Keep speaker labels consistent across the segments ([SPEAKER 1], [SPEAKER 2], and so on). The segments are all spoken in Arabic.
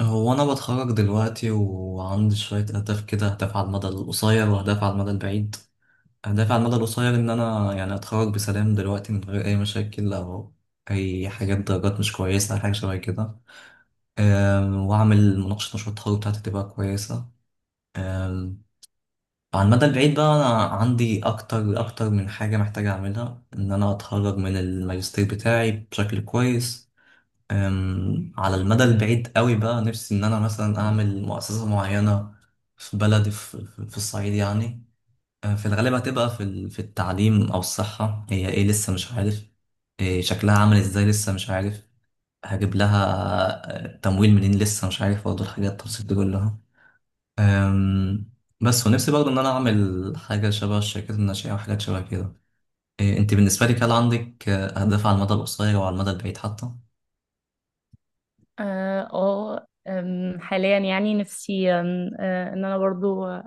[SPEAKER 1] هو أنا بتخرج دلوقتي وعندي شوية أهداف كده، أهداف على المدى القصير وأهداف على المدى البعيد. أهدافي على المدى القصير إن أنا يعني أتخرج بسلام دلوقتي من غير أي مشاكل أو أي حاجات درجات مش كويسة أو حاجة شبه كده. وأعمل مناقشة مشروع التخرج بتاعتي تبقى كويسة. أم، على المدى البعيد بقى أنا عندي أكتر أكتر من حاجة محتاج أعملها، إن أنا أتخرج من الماجستير بتاعي بشكل كويس. على المدى البعيد قوي بقى نفسي ان انا مثلا اعمل مؤسسة معينة في بلدي، في الصعيد يعني. في الغالب هتبقى في في التعليم او الصحة، هي ايه لسه مش عارف إيه شكلها عامل ازاي لسه مش عارف هجيب لها تمويل منين، لسه مش عارف برضه الحاجات التفاصيل دي كلها. أم، بس ونفسي برضه ان انا اعمل حاجة شبه الشركات الناشئة وحاجات شبه كده. إيه انت بالنسبة لك، هل عندك اهداف على المدى القصير وعلى المدى البعيد حتى؟
[SPEAKER 2] اه آه، أم، حاليا يعني نفسي أم، آه، ان انا برضو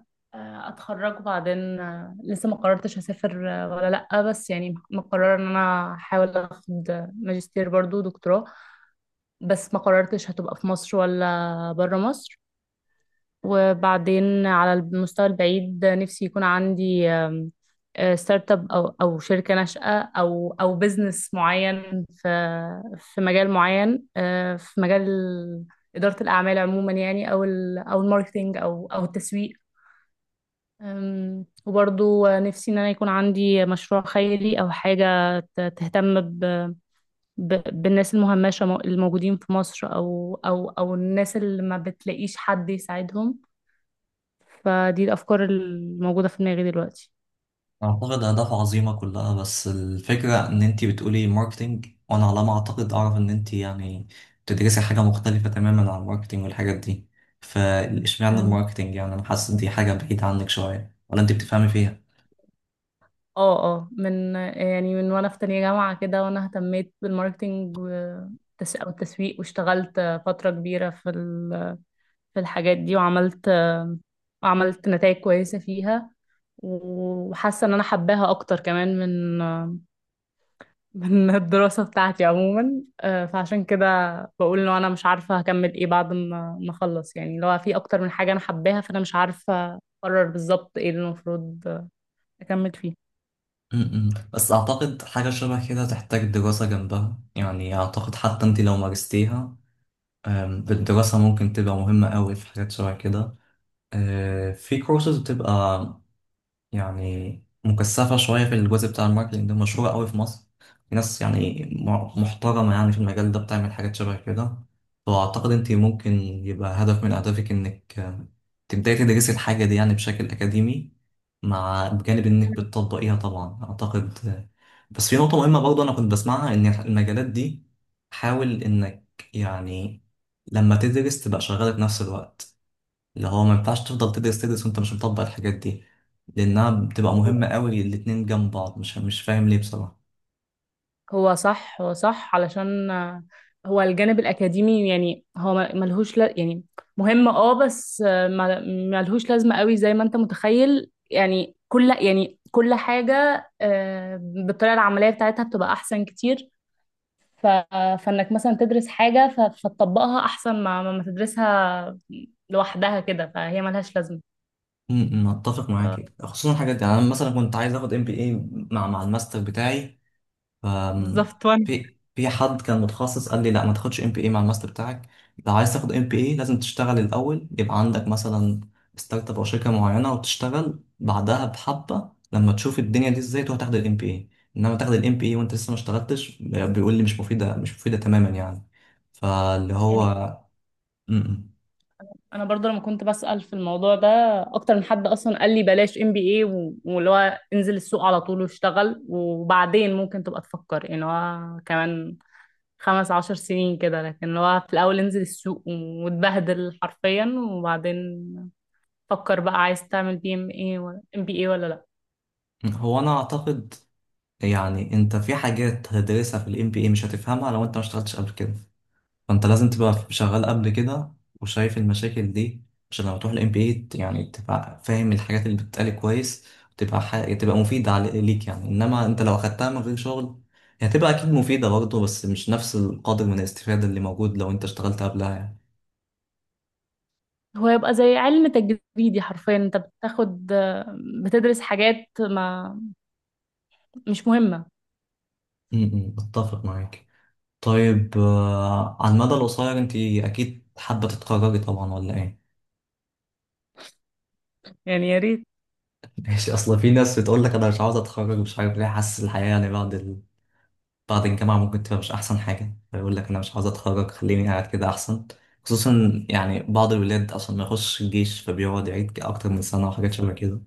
[SPEAKER 2] اتخرج وبعدين لسه ما قررتش هسافر ولا لا بس يعني مقررة ان انا احاول اخد ماجستير برضو دكتوراه. بس ما قررتش هتبقى في مصر ولا برا مصر. وبعدين على المستوى البعيد نفسي يكون عندي آم، آه، ستارت اب او شركه ناشئه او بزنس معين في في مجال معين، في مجال اداره الاعمال عموما، يعني او الماركتينج او التسويق. وبرضو نفسي ان انا يكون عندي مشروع خيري او حاجه تهتم ب... بالناس المهمشه الموجودين في مصر او الناس اللي ما بتلاقيش حد يساعدهم. فدي الافكار الموجوده في دماغي دلوقتي.
[SPEAKER 1] أعتقد أهداف عظيمة كلها، بس الفكرة إن أنتي بتقولي ماركتينج، وأنا على ما أعتقد أعرف إن أنتي يعني بتدرسي حاجة مختلفة تماما عن الماركتينج والحاجات دي. فإشمعنى
[SPEAKER 2] اه
[SPEAKER 1] الماركتينج؟ يعني أنا حاسس إن دي حاجة بعيدة عنك شوية، ولا أنتي بتفهمي فيها؟
[SPEAKER 2] من وانا في تانية جامعة كده وانا اهتميت بالماركتينج والتس- او التسويق، واشتغلت فترة كبيرة في الحاجات دي، وعملت نتائج كويسة فيها، وحاسة ان انا حباها اكتر كمان من الدراسة بتاعتي عموما. فعشان كده بقول انه انا مش عارفة هكمل ايه بعد ما اخلص، يعني لو في اكتر من حاجة انا حباها فانا مش عارفة اقرر بالظبط ايه اللي المفروض اكمل فيه.
[SPEAKER 1] م-م. بس أعتقد حاجة شبه كده تحتاج دراسة جنبها، يعني أعتقد حتى أنتي لو مارستيها بالدراسة ممكن تبقى مهمة أوي في حاجات شبه كده. في كورسز بتبقى يعني مكثفة شوية في الجزء بتاع الماركتينج ده، مشهورة قوي في مصر، في ناس يعني محترمة يعني في المجال ده بتعمل حاجات شبه كده. فأعتقد أنت ممكن يبقى هدف من أهدافك إنك تبدأي تدرسي الحاجة دي يعني بشكل أكاديمي، مع بجانب إنك بتطبقيها طبعا. أعتقد بس في نقطة مهمة برضه أنا كنت بسمعها، إن المجالات دي حاول إنك يعني لما تدرس تبقى شغالة في نفس الوقت. اللي هو ما ينفعش تفضل تدرس تدرس وانت مش مطبق الحاجات دي، لانها بتبقى
[SPEAKER 2] هو
[SPEAKER 1] مهمه قوي الاتنين جنب بعض. مش فاهم ليه بصراحه.
[SPEAKER 2] هو صح، علشان هو الجانب الأكاديمي يعني هو يعني مهم اه، بس ملهوش لازمة قوي زي ما انت متخيل. يعني كل حاجة بالطريقة العملية بتاعتها بتبقى أحسن كتير. ف... فانك مثلا تدرس حاجة فتطبقها احسن ما تدرسها لوحدها كده، فهي ملهاش لازمة.
[SPEAKER 1] اتفق معاك،
[SPEAKER 2] ف...
[SPEAKER 1] خصوصا الحاجات دي. يعني انا مثلا كنت عايز اخد ام بي اي مع الماستر بتاعي. أم،
[SPEAKER 2] بالظبط. وانا
[SPEAKER 1] في حد كان متخصص قال لي لا ما تاخدش ام بي اي مع الماستر بتاعك. لو عايز تاخد ام بي اي لازم تشتغل الاول، يبقى عندك مثلا ستارت اب او شركه معينه وتشتغل بعدها بحبه، لما تشوف الدنيا دي ازاي تروح تاخد الام بي اي. انما تاخد الام بي اي وانت لسه ما اشتغلتش، بيقول لي مش مفيده مش مفيده تماما يعني. فاللي
[SPEAKER 2] يعني،
[SPEAKER 1] هو م-
[SPEAKER 2] انا برضه لما كنت بسأل في الموضوع ده اكتر من حد، اصلا قال لي بلاش ام بي اي، واللي هو انزل السوق على طول واشتغل وبعدين ممكن تبقى تفكر، يعني هو كمان خمس عشر سنين كده. لكن اللي هو في الاول انزل السوق واتبهدل حرفيا، وبعدين فكر بقى عايز تعمل بي ام اي ولا ام بي اي ولا لا.
[SPEAKER 1] م. هو انا اعتقد يعني انت في حاجات هتدرسها في الام بي اي مش هتفهمها لو انت ما اشتغلتش قبل كده. فانت لازم تبقى شغال قبل كده وشايف المشاكل دي، عشان لما تروح الام بي اي يعني تبقى فاهم الحاجات اللي بتتقال كويس، وتبقى حاجة تبقى مفيدة ليك يعني. انما انت لو اخدتها من غير شغل هي هتبقى اكيد مفيدة برضه، بس مش نفس القدر من الاستفادة اللي موجود لو انت اشتغلت قبلها يعني.
[SPEAKER 2] هو يبقى زي علم تجريدي حرفيا، انت بتدرس حاجات ما مش مهمة.
[SPEAKER 1] م- م، اتفق معاك. طيب على المدى القصير انت اكيد حابة تتخرجي طبعا ولا ايه؟
[SPEAKER 2] يعني يا ريت.
[SPEAKER 1] ماشي، اصل في ناس بتقول لك انا مش عاوز اتخرج، مش عارف ليه، حاسس الحياة يعني بعد الجامعة ممكن تبقى مش أحسن حاجة، فيقول لك أنا مش عاوز أتخرج، خليني قاعد كده أحسن. خصوصا يعني بعض الولاد أصلا ما يخش الجيش، فبيقعد يعيد أكتر من سنة وحاجات شبه كده.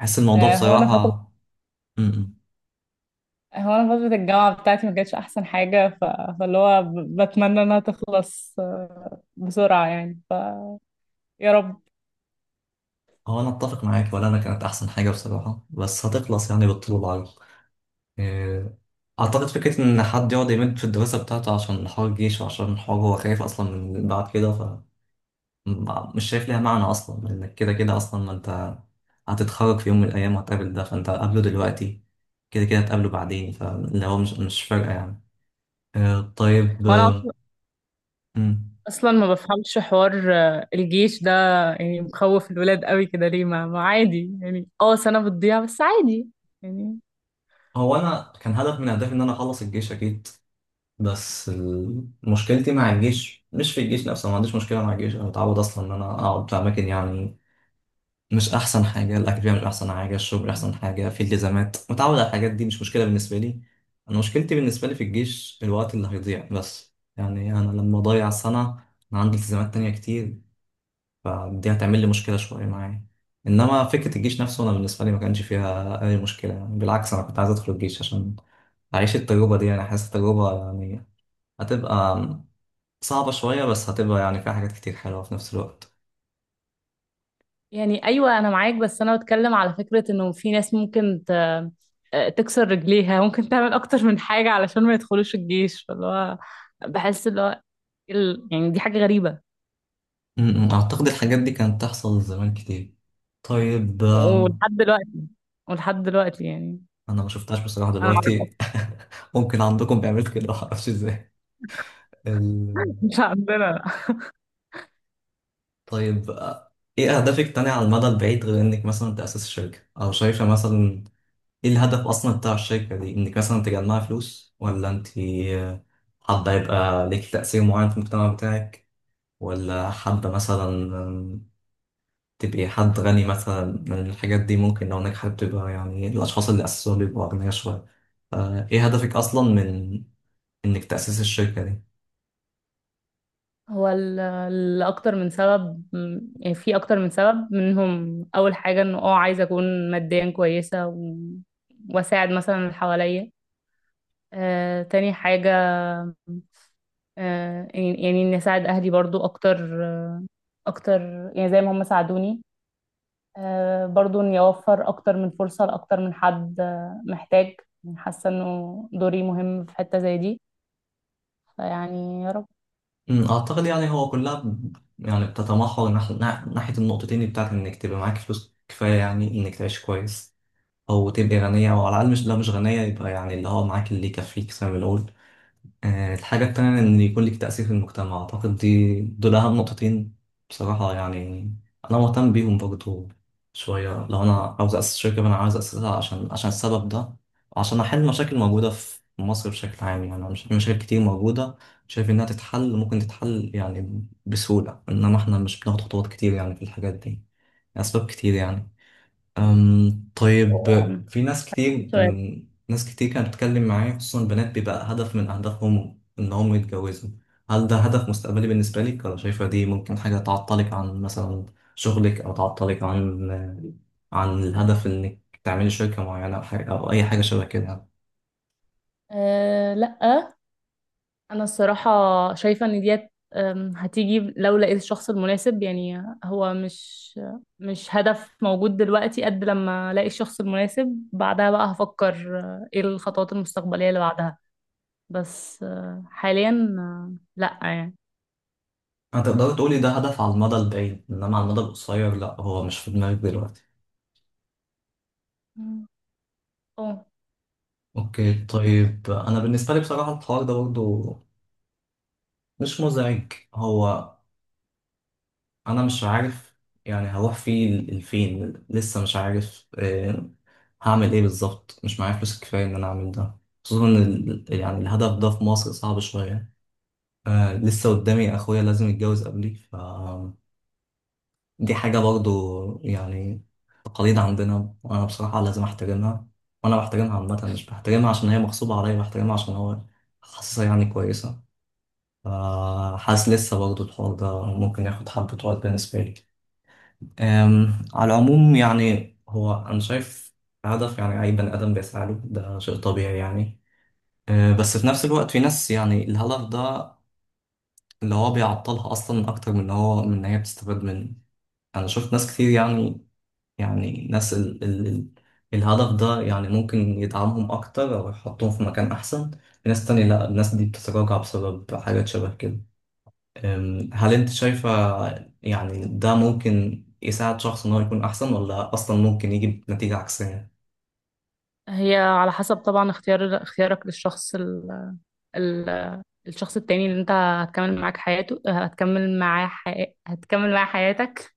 [SPEAKER 1] أحس الموضوع
[SPEAKER 2] آه، هو انا
[SPEAKER 1] بصراحة.
[SPEAKER 2] فترة
[SPEAKER 1] م- م.
[SPEAKER 2] هو انا فترة الجامعة بتاعتي ما كانتش احسن حاجة. فاللي هو بتمنى انها تخلص بسرعة يعني. ف يا رب.
[SPEAKER 1] هو أنا أتفق معاك، ولا أنا كانت أحسن حاجة بصراحة، بس هتخلص يعني بالطول والعرض. آه، أعتقد فكرة إن حد يقعد يمد في الدراسة بتاعته عشان حوار الجيش، وعشان حوار هو خايف أصلا من بعد كده، مش شايف ليها معنى اصلا، لانك كده كده اصلا ما انت هتتخرج في يوم من الايام وهتقابل ده، فانت قابله دلوقتي كده كده هتقابله بعدين. فاللي هو مش فارقه يعني. طيب
[SPEAKER 2] هو انا اصلا
[SPEAKER 1] مم.
[SPEAKER 2] أصلاً ما بفهمش حوار الجيش ده، يعني مخوف الولاد قوي كده ليه؟ ما عادي يعني، اه سنة بتضيع بس عادي يعني.
[SPEAKER 1] هو انا كان هدف من اهدافي ان انا اخلص الجيش اكيد، بس مشكلتي مع الجيش مش في الجيش نفسه. ما عنديش مشكله مع الجيش، انا متعود اصلا ان انا اقعد في اماكن يعني مش احسن حاجه. الاكاديميه مش احسن حاجه، الشغل مش احسن حاجه، في التزامات متعود على الحاجات دي مش مشكله بالنسبه لي. انا مشكلتي بالنسبه لي في الجيش الوقت اللي هيضيع بس، يعني انا لما اضيع سنه انا عندي التزامات تانية كتير، فدي هتعمل لي مشكله شويه معايا. انما فكره الجيش نفسه انا بالنسبه لي ما كانش فيها اي مشكله يعني، بالعكس انا كنت عايز ادخل الجيش عشان اعيش التجربه دي. يعني حاسس التجربه يعني هتبقى صعبه شويه، بس هتبقى يعني فيها حاجات كتير حلوه في نفس الوقت.
[SPEAKER 2] يعني ايوه انا معاك، بس انا بتكلم على فكرة انه في ناس ممكن تكسر رجليها، ممكن تعمل اكتر من حاجة علشان ما يدخلوش الجيش. فاللي هو بحس اللي هو يعني دي حاجة غريبة.
[SPEAKER 1] م- م. أعتقد الحاجات دي كانت تحصل زمان كتير. طيب
[SPEAKER 2] ولحد دلوقتي، ولحد دلوقتي يعني.
[SPEAKER 1] أنا ما شفتهاش بصراحة
[SPEAKER 2] انا اعرف أكتر.
[SPEAKER 1] دلوقتي. ممكن عندكم بيعملوا كده معرفش ازاي. ال...
[SPEAKER 2] مش عندنا.
[SPEAKER 1] طيب ايه أهدافك تانية على المدى البعيد، غير إنك مثلا تأسس الشركة؟ أو شايفة مثلا ايه الهدف أصلا بتاع الشركة دي؟ إنك مثلا تجمعي فلوس، ولا أنت حابة يبقى ليك تأثير معين في المجتمع بتاعك، ولا حابة مثلا تبقي حد غني، مثلا من الحاجات دي ممكن لو نجحت تبقى يعني الأشخاص اللي أسسوها بيبقوا أغنياء شوية. إيه هدفك أصلا من إنك تأسس الشركة دي؟
[SPEAKER 2] هو الاكتر من سبب، يعني في اكتر من سبب. منهم اول حاجة انه اه عايزة اكون ماديا كويسة، واساعد مثلا اللي حواليا. تاني حاجة، يعني اني اساعد اهلي برضو اكتر يعني زي ما هم ساعدوني. برضو إن يوفر أكتر من فرصة لأكتر من حد محتاج، يعني حاسة إنه دوري مهم في حتة زي دي. فيعني يا رب.
[SPEAKER 1] أمم، أعتقد يعني هو كلها يعني بتتمحور ناحية النقطتين، بتاعت إنك تبقى معاك فلوس كفاية يعني إنك تعيش كويس أو تبقي غنية، أو على الأقل مش، لو مش غنية يبقى يعني اللي هو معاك اللي يكفيك زي ما بنقول. الحاجة التانية إن يكون لك تأثير في المجتمع. أعتقد دي دول أهم نقطتين بصراحة يعني. أنا مهتم بيهم برضو شوية. لو أنا عاوز أسس شركة فأنا عاوز أسسها عشان السبب ده، وعشان أحل مشاكل موجودة في مصر بشكل عام. يعني في مشاكل كتير موجودة شايف إنها تتحل، ممكن تتحل يعني بسهولة، إنما إحنا مش بناخد خطوات كتير يعني في الحاجات دي. أسباب كتير يعني. طيب،
[SPEAKER 2] آم،
[SPEAKER 1] في ناس كتير،
[SPEAKER 2] سؤال:
[SPEAKER 1] من ناس كتير كانت بتتكلم معايا خصوصا البنات بيبقى هدف من أهدافهم إن هم يتجوزوا. هل ده هدف مستقبلي بالنسبة لك، ولا شايفة دي ممكن حاجة تعطلك عن مثلا شغلك، أو تعطلك عن الهدف إنك تعملي شركة معينة أو حاجة أو أي حاجة شبه كده يعني؟
[SPEAKER 2] أه، لأ، أنا الصراحة شايفة إن ديت هتيجي لو لقيت الشخص المناسب. يعني هو مش هدف موجود دلوقتي، قد لما الاقي الشخص المناسب بعدها بقى هفكر ايه الخطوات المستقبليه اللي بعدها. بس حاليا لا يعني.
[SPEAKER 1] هتقدري تقولي ده هدف على المدى البعيد، إنما على المدى القصير لأ، هو مش في دماغك دلوقتي.
[SPEAKER 2] مم. اه.
[SPEAKER 1] اوكي طيب، انا بالنسبه لي بصراحه الحوار ده برضه مش مزعج. هو انا مش عارف يعني هروح فيه لفين، لسه مش عارف هعمل ايه بالظبط. مش معايا فلوس كفايه ان انا اعمل ده، خصوصا ان يعني الهدف ده في مصر صعب شويه. لسه قدامي اخويا لازم يتجوز قبلي، ف دي حاجه برضو يعني تقاليد عندنا، وانا بصراحه لازم احترمها. وانا بحترمها عامه، مش بحترمها عشان هي مغصوبه عليا، بحترمها عشان هو حاسسها يعني كويسه. ف حاسس لسه برضو الحوار ده ممكن ياخد حبه وقت بالنسبه لي. على العموم يعني هو أنا شايف هدف يعني أي بني آدم بيسعى له، ده شيء طبيعي يعني. بس في نفس الوقت في ناس يعني الهدف ده اللي هو بيعطلها أصلا، أكتر من إن هو من إن هي بتستفاد منه. أنا شفت ناس كتير يعني. يعني ناس ال ال ال الهدف ده يعني ممكن يدعمهم أكتر أو يحطهم في مكان أحسن. في ناس تانية لأ، الناس دي بتتراجع بسبب حاجات شبه كده. هل انت شايفة يعني ده ممكن يساعد شخص ان هو يكون احسن، ولا اصلا ممكن يجي بنتيجة عكسية؟
[SPEAKER 2] هي على حسب طبعا اختيارك للشخص ال... الشخص التاني اللي انت هتكمل معاك حياته هتكمل معاه حي... هتكمل معاه حياتك.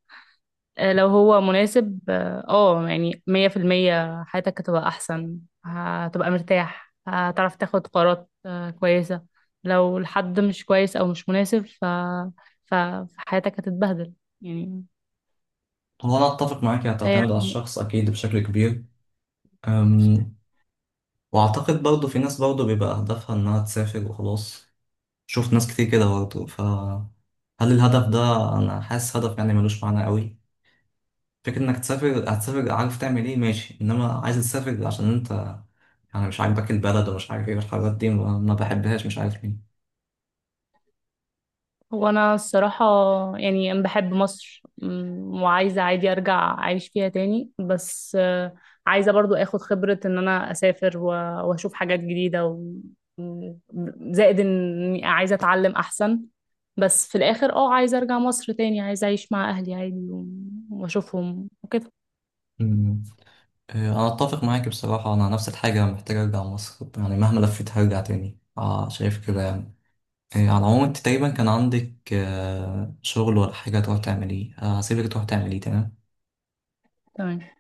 [SPEAKER 2] لو هو مناسب، اه يعني مية في المية حياتك هتبقى أحسن، هتبقى مرتاح، هتعرف تاخد قرارات كويسة. لو الحد مش كويس أو مش مناسب فحياتك هتتبهدل يعني.
[SPEAKER 1] هو انا اتفق معاك،
[SPEAKER 2] فهي.
[SPEAKER 1] هتعتمد على الشخص اكيد بشكل كبير. أم، واعتقد برضه في ناس برضه بيبقى هدفها انها تسافر وخلاص. شفت ناس كتير كده برضه، ف هل الهدف ده، انا حاسس هدف يعني ملوش معنى قوي. فكرة انك تسافر، هتسافر عارف تعمل ايه ماشي، انما عايز تسافر عشان انت يعني مش عاجبك البلد ومش عارف ايه والحاجات دي ما بحبهاش، مش عارف
[SPEAKER 2] هو انا الصراحه يعني أنا بحب مصر. وعايزه عادي ارجع اعيش فيها تاني، بس عايزه برضو اخد خبره ان انا اسافر واشوف حاجات جديده و- زائد اني عايزه اتعلم احسن. بس في الاخر اه عايزه ارجع مصر تاني، عايزه اعيش مع اهلي عادي واشوفهم وكده.
[SPEAKER 1] ليه. انا اتفق معاك بصراحه، انا نفس الحاجه محتاج ارجع مصر، يعني مهما لفيت هرجع تاني، آه شايف كده يعني. على العموم انت تقريبا كان عندك آه شغل ولا حاجه تروح تعمليه، آه هسيبك تروح تعمليه. تمام.
[SPEAKER 2] تمام.